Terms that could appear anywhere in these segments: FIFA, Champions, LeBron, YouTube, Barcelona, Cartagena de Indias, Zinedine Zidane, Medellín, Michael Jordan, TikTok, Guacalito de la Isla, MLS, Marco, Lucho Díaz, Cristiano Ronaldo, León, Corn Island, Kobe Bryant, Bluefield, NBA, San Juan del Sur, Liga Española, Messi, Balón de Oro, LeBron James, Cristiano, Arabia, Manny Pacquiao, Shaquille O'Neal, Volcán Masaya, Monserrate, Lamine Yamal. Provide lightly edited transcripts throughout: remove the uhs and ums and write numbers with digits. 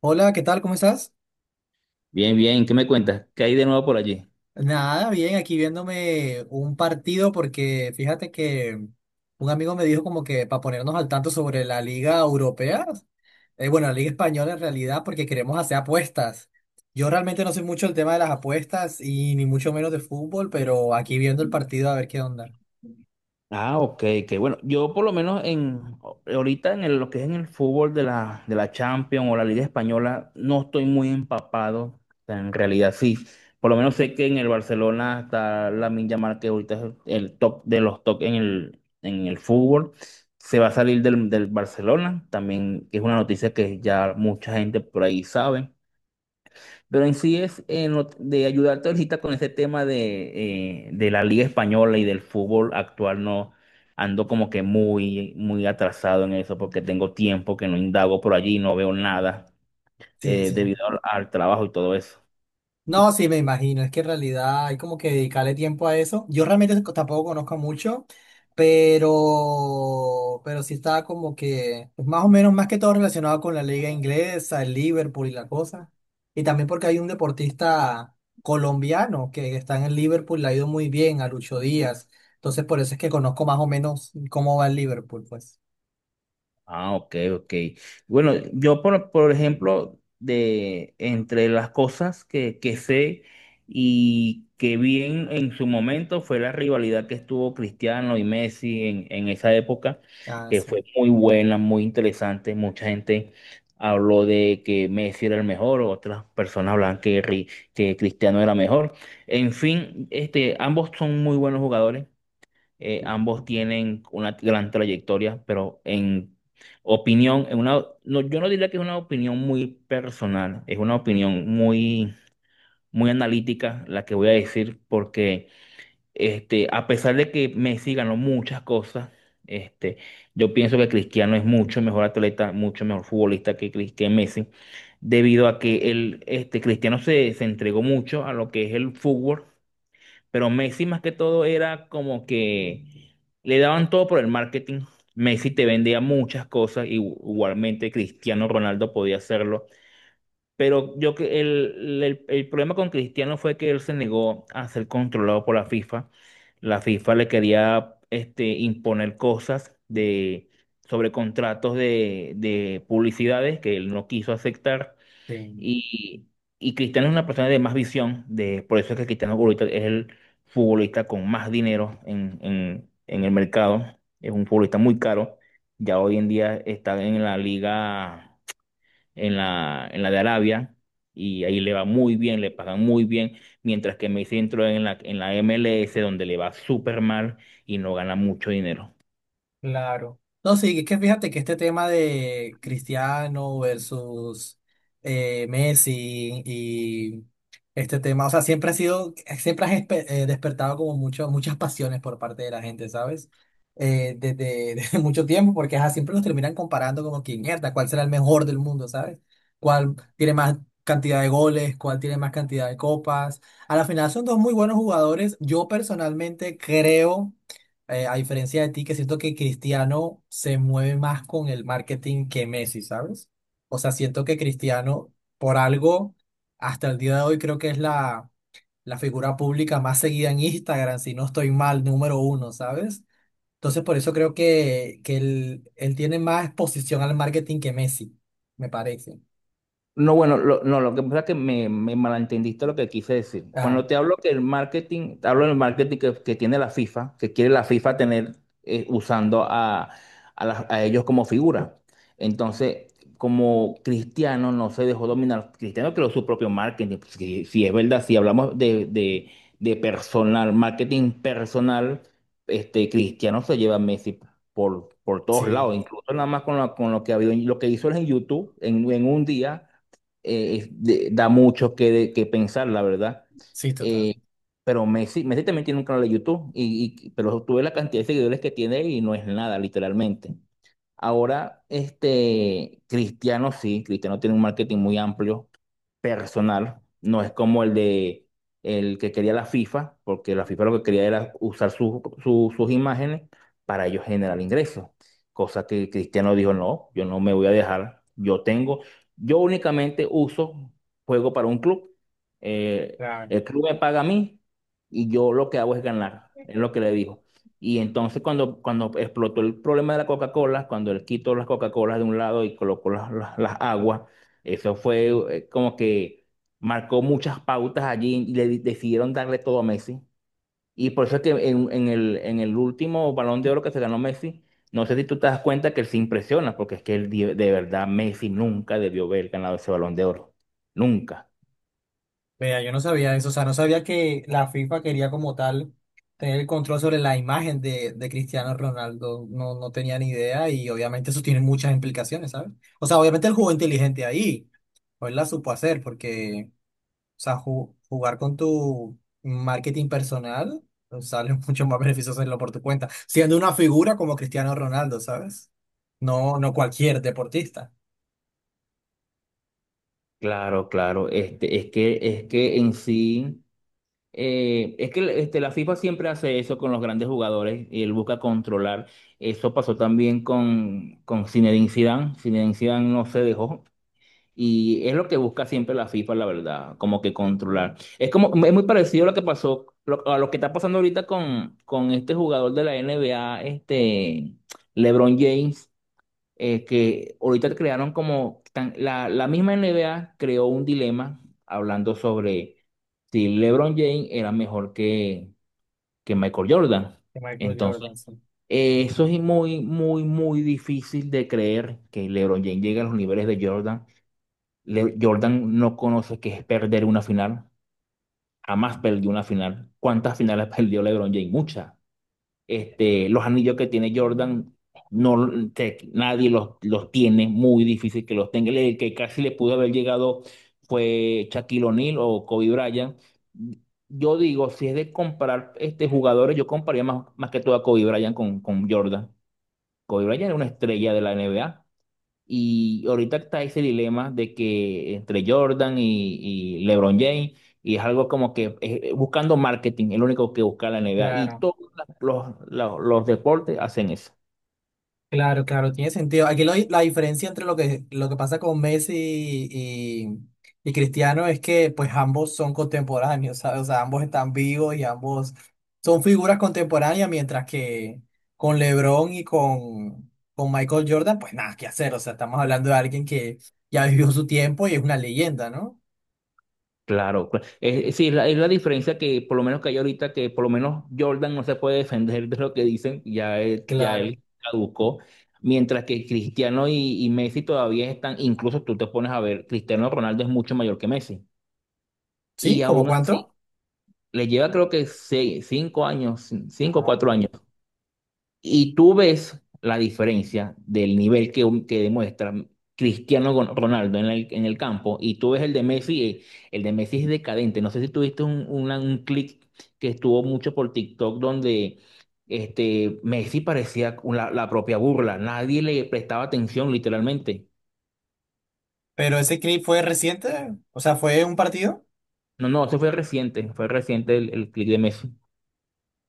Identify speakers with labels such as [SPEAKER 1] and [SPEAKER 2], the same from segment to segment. [SPEAKER 1] Hola, ¿qué tal? ¿Cómo estás?
[SPEAKER 2] Bien, bien, ¿qué me cuentas? ¿Qué hay de nuevo por allí?
[SPEAKER 1] Nada, bien, aquí viéndome un partido porque fíjate que un amigo me dijo como que para ponernos al tanto sobre la Liga Europea, bueno, la Liga Española en realidad porque queremos hacer apuestas. Yo realmente no sé mucho el tema de las apuestas y ni mucho menos de fútbol, pero aquí viendo el partido a ver qué onda.
[SPEAKER 2] Ah, ok, que bueno, yo por lo menos en ahorita en lo que es en el fútbol de la Champions o la Liga Española, no estoy muy empapado. O sea, en realidad sí. Por lo menos sé que en el Barcelona está Lamine Yamal, que ahorita es el top de los top en el fútbol. Se va a salir del Barcelona, también que es una noticia que ya mucha gente por ahí sabe. Pero en sí es en de ayudarte ahorita con ese tema de de la Liga Española y del fútbol actual, no ando como que muy atrasado en eso porque tengo tiempo que no indago por allí, no veo nada
[SPEAKER 1] Sí,
[SPEAKER 2] eh,
[SPEAKER 1] sí.
[SPEAKER 2] debido al trabajo y todo eso.
[SPEAKER 1] No, sí, me imagino. Es que en realidad hay como que dedicarle tiempo a eso. Yo realmente tampoco conozco mucho, pero sí está como que pues, más o menos, más que todo relacionado con la liga inglesa, el Liverpool y la cosa. Y también porque hay un deportista colombiano que está en el Liverpool, le ha ido muy bien a Lucho Díaz. Entonces, por eso es que conozco más o menos cómo va el Liverpool, pues.
[SPEAKER 2] Ah, ok, ok. Bueno, yo por ejemplo, de entre las cosas que sé y que vi en su momento fue la rivalidad que estuvo Cristiano y Messi en esa época,
[SPEAKER 1] Ah,
[SPEAKER 2] que
[SPEAKER 1] sí.
[SPEAKER 2] fue muy buena, muy interesante. Mucha gente habló de que Messi era el mejor, otras personas hablaban que, que Cristiano era mejor. En fin, ambos son muy buenos jugadores. Ambos tienen una gran trayectoria, pero en opinión, en una, no, yo no diría que es una opinión muy personal, es una opinión muy analítica la que voy a decir, porque a pesar de que Messi ganó muchas cosas, este, yo pienso que Cristiano es mucho mejor atleta, mucho mejor futbolista que, que Messi, debido a que el Cristiano se entregó mucho a lo que es el fútbol, pero Messi más que todo era como que le daban todo por el marketing. Messi te vendía muchas cosas, y igualmente Cristiano Ronaldo podía hacerlo. Pero yo que el problema con Cristiano fue que él se negó a ser controlado por la FIFA. La FIFA le quería imponer cosas sobre contratos de publicidades que él no quiso aceptar.
[SPEAKER 1] Sí.
[SPEAKER 2] Y, y Cristiano es una persona de más visión, de, por eso es que Cristiano ahorita es el futbolista con más dinero en el mercado. Es un futbolista muy caro. Ya hoy en día está en la liga, en en la de Arabia, y ahí le va muy bien, le pagan muy bien, mientras que Messi entró en en la MLS, donde le va súper mal y no gana mucho dinero.
[SPEAKER 1] Claro. No, sí, es que fíjate que este tema de Cristiano versus Messi y este tema, o sea, siempre ha sido, despertado como mucho, muchas pasiones por parte de la gente, ¿sabes? Desde, desde mucho tiempo, porque ajá, siempre los terminan comparando como que mierda, ¿cuál será el mejor del mundo, ¿sabes? ¿Cuál tiene más cantidad de goles? ¿Cuál tiene más cantidad de copas? A la final son dos muy buenos jugadores. Yo personalmente creo a diferencia de ti, que siento que Cristiano se mueve más con el marketing que Messi, ¿sabes? O sea, siento que Cristiano, por algo, hasta el día de hoy creo que es la figura pública más seguida en Instagram, si no estoy mal, número uno, ¿sabes? Entonces, por eso creo que, él tiene más exposición al marketing que Messi, me parece.
[SPEAKER 2] No, bueno, no, lo que pasa es que me malentendiste lo que quise decir.
[SPEAKER 1] Ah,
[SPEAKER 2] Cuando te hablo que el marketing, te hablo del marketing que tiene la FIFA, que quiere la FIFA tener usando a a ellos como figura. Entonces, como Cristiano no se dejó dominar, Cristiano creó su propio marketing. Pues, si, si es verdad, si hablamos de personal, marketing personal, Cristiano se lleva a Messi por todos lados,
[SPEAKER 1] sí,
[SPEAKER 2] incluso nada más con, con lo que ha habido en- lo que hizo él en YouTube en un día de- da mucho que, de- que pensar, la verdad.
[SPEAKER 1] sí, total.
[SPEAKER 2] Eh, pero Messi también tiene un canal de YouTube, pero tú ves la cantidad de seguidores que tiene y no es nada, literalmente. Ahora, Cristiano sí, Cristiano tiene un marketing muy amplio, personal, no es como el de el que quería la FIFA, porque la FIFA lo que quería era usar sus imágenes para ellos generar ingresos, cosa que Cristiano dijo, no, yo no me voy a dejar, yo tengo, yo únicamente uso, juego para un club,
[SPEAKER 1] Claro.
[SPEAKER 2] el club me paga a mí y yo lo que hago es ganar, es lo que le dijo. Y entonces cuando explotó el problema de la Coca-Cola, cuando él quitó las Coca-Colas de un lado y colocó las aguas, eso fue como que marcó muchas pautas allí y le decidieron darle todo a Messi. Y por eso es que en el último Balón de Oro que se ganó Messi, no sé si tú te das cuenta que él se impresiona, porque es que él, di- de verdad Messi nunca debió haber ganado ese Balón de Oro. Nunca.
[SPEAKER 1] Vea, yo no sabía eso, o sea, no sabía que la FIFA quería como tal tener el control sobre la imagen de Cristiano Ronaldo, no, no tenía ni idea y obviamente eso tiene muchas implicaciones, ¿sabes? O sea, obviamente él jugó inteligente ahí, o él la supo hacer, porque, o sea, jugar con tu marketing personal pues, sale mucho más beneficioso hacerlo por tu cuenta, siendo una figura como Cristiano Ronaldo, ¿sabes? No, no cualquier deportista.
[SPEAKER 2] Claro, claro. Es que en sí, es que la FIFA siempre hace eso con los grandes jugadores y él busca controlar. Eso pasó también con Zinedine Zidane. Zinedine Zidane no se dejó. Y es lo que busca siempre la FIFA, la verdad, como que controlar. Es como, es muy parecido a lo que pasó, a lo que está pasando ahorita con este jugador de la NBA, LeBron James, que ahorita crearon como, la misma NBA creó un dilema hablando sobre si LeBron James era mejor que Michael Jordan.
[SPEAKER 1] De Michael
[SPEAKER 2] Entonces,
[SPEAKER 1] Jordan, sí.
[SPEAKER 2] eso es muy difícil de creer que LeBron James llegue a los niveles de Jordan. Jordan no conoce qué es perder una final. Jamás perdió una final. ¿Cuántas finales perdió LeBron James? Muchas. Los anillos que tiene Jordan, no, nadie los tiene. Muy difícil que los tenga. El que casi le pudo haber llegado fue Shaquille O'Neal o Kobe Bryant. Yo digo, si es de comparar jugadores, yo compararía más que todo a Kobe Bryant con Jordan. Kobe Bryant era una estrella de la NBA. Y ahorita está ese dilema de que entre Jordan y LeBron James, y es algo como que buscando marketing, el único que busca la NBA. Y
[SPEAKER 1] Claro,
[SPEAKER 2] todos los deportes hacen eso.
[SPEAKER 1] claro, claro, tiene sentido. Aquí la diferencia entre lo que pasa con Messi y, y Cristiano es que pues ambos son contemporáneos, ¿sabes? O sea, ambos están vivos y ambos son figuras contemporáneas, mientras que con LeBron y con Michael Jordan, pues nada, que hacer? O sea, estamos hablando de alguien que ya vivió su tiempo y es una leyenda, ¿no?
[SPEAKER 2] Claro, sí, es es la diferencia que por lo menos que hay ahorita, que por lo menos Jordan no se puede defender de lo que dicen, ya, ya
[SPEAKER 1] Claro.
[SPEAKER 2] él caducó. Mientras que Cristiano y Messi todavía están, incluso tú te pones a ver, Cristiano Ronaldo es mucho mayor que Messi.
[SPEAKER 1] ¿Sí?
[SPEAKER 2] Y
[SPEAKER 1] ¿Cómo
[SPEAKER 2] aún así
[SPEAKER 1] cuánto?
[SPEAKER 2] le lleva creo que seis, cinco años, cinco o
[SPEAKER 1] Ah,
[SPEAKER 2] cuatro
[SPEAKER 1] ok.
[SPEAKER 2] años. Y tú ves la diferencia del nivel que demuestra Cristiano Ronaldo en el campo y tú ves el de Messi es decadente. No sé si tuviste un, un clip que estuvo mucho por TikTok donde Messi parecía la propia burla, nadie le prestaba atención literalmente.
[SPEAKER 1] Pero ese clip fue reciente, o sea, fue un partido.
[SPEAKER 2] No, no, eso fue reciente el clip de Messi.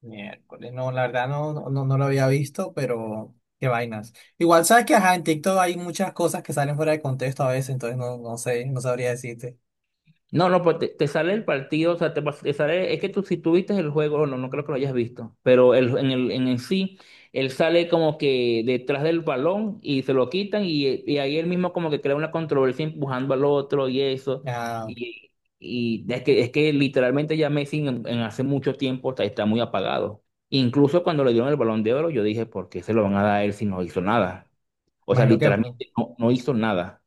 [SPEAKER 1] Miércoles, no, la verdad no, no, no lo había visto, pero qué vainas. Igual sabes que ajá, en TikTok hay muchas cosas que salen fuera de contexto a veces, entonces no, no sé, no sabría decirte.
[SPEAKER 2] No, no, pues te sale el partido, o sea, te, te sale, es que tú si tuviste el juego, no, no creo que lo hayas visto, pero el, en el sí, él sale como que detrás del balón y se lo quitan y ahí él mismo como que crea una controversia empujando al otro y eso,
[SPEAKER 1] Ah,
[SPEAKER 2] y, y es que literalmente ya Messi en hace mucho tiempo está muy apagado. Incluso cuando le dieron el Balón de Oro, yo dije, ¿por qué se lo van a dar a él si no hizo nada? O sea,
[SPEAKER 1] imagino que
[SPEAKER 2] literalmente no, no hizo nada.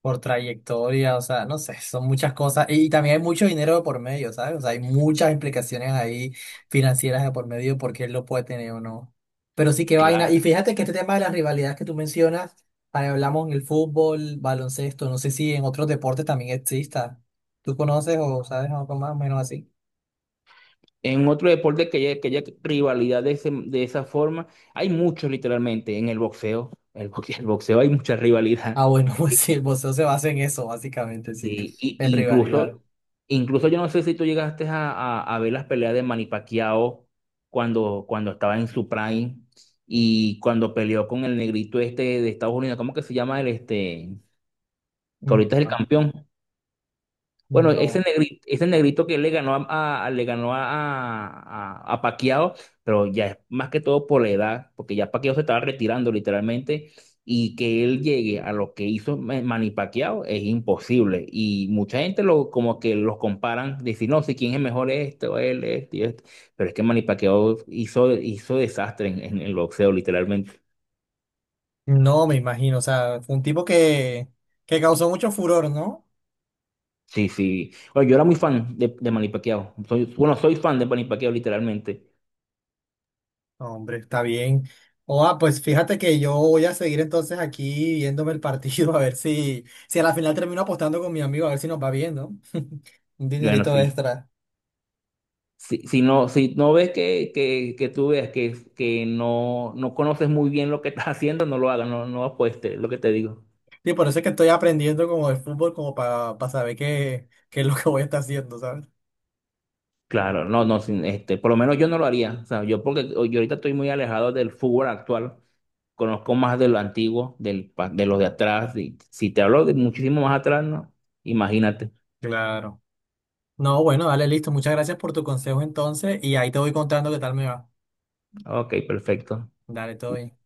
[SPEAKER 1] por trayectoria, o sea, no sé, son muchas cosas. Y también hay mucho dinero de por medio, ¿sabes? O sea, hay muchas implicaciones ahí financieras de por medio porque él lo puede tener o no. Pero sí, que vaina. Y
[SPEAKER 2] Claro.
[SPEAKER 1] fíjate que este tema de las rivalidades que tú mencionas, ahí hablamos en el fútbol, baloncesto, no sé si en otros deportes también exista. ¿Tú conoces o sabes algo más o menos así?
[SPEAKER 2] En otro deporte que haya rivalidad de, de esa forma, hay muchos literalmente en el boxeo. El boxeo, el boxeo hay mucha rivalidad.
[SPEAKER 1] Ah, bueno, pues sí, el boxeo se basa en eso, básicamente, sí, en
[SPEAKER 2] Y
[SPEAKER 1] rivalidad.
[SPEAKER 2] incluso, incluso yo no sé si tú llegaste a ver las peleas de Manny Pacquiao cuando estaba en su prime y cuando peleó con el negrito este de Estados Unidos, ¿cómo que se llama el este? Que
[SPEAKER 1] Mm.
[SPEAKER 2] ahorita es el campeón. Bueno,
[SPEAKER 1] No.
[SPEAKER 2] ese negrito que le ganó le ganó a Pacquiao, pero ya es más que todo por la edad, porque ya Pacquiao se estaba retirando literalmente, y que él llegue a lo que hizo Manny Pacquiao es imposible. Y mucha gente lo, como que los comparan, decir, no, si quién es mejor esto, él, este y esto. Pero es que Manny Pacquiao hizo desastre en el boxeo, literalmente.
[SPEAKER 1] No, me imagino, o sea, fue un tipo que causó mucho furor, ¿no?
[SPEAKER 2] Sí, sí. Bueno, yo era muy fan de Manny Pacquiao. Soy, bueno, soy fan de Manny Pacquiao, literalmente.
[SPEAKER 1] Hombre, está bien. O, ah, pues fíjate que yo voy a seguir entonces aquí viéndome el partido, a ver si, si a la final termino apostando con mi amigo, a ver si nos va bien, ¿no? Un
[SPEAKER 2] Bueno,
[SPEAKER 1] dinerito
[SPEAKER 2] sí.
[SPEAKER 1] extra.
[SPEAKER 2] Si, si no, si no ves que tú veas que no, no conoces muy bien lo que estás haciendo, no lo hagas, no, no apuestes, lo que te digo.
[SPEAKER 1] Sí, por eso es que estoy aprendiendo como de fútbol, como para saber qué, qué es lo que voy a estar haciendo, ¿sabes?
[SPEAKER 2] Claro, no, no, por lo menos yo no lo haría. O sea, yo porque yo ahorita estoy muy alejado del fútbol actual, conozco más de lo antiguo, del, de los de atrás. Y si te hablo de muchísimo más atrás, no, imagínate.
[SPEAKER 1] Claro. No, bueno, dale, listo. Muchas gracias por tu consejo entonces y ahí te voy contando qué tal me va.
[SPEAKER 2] Ok, perfecto.
[SPEAKER 1] Dale, todo bien.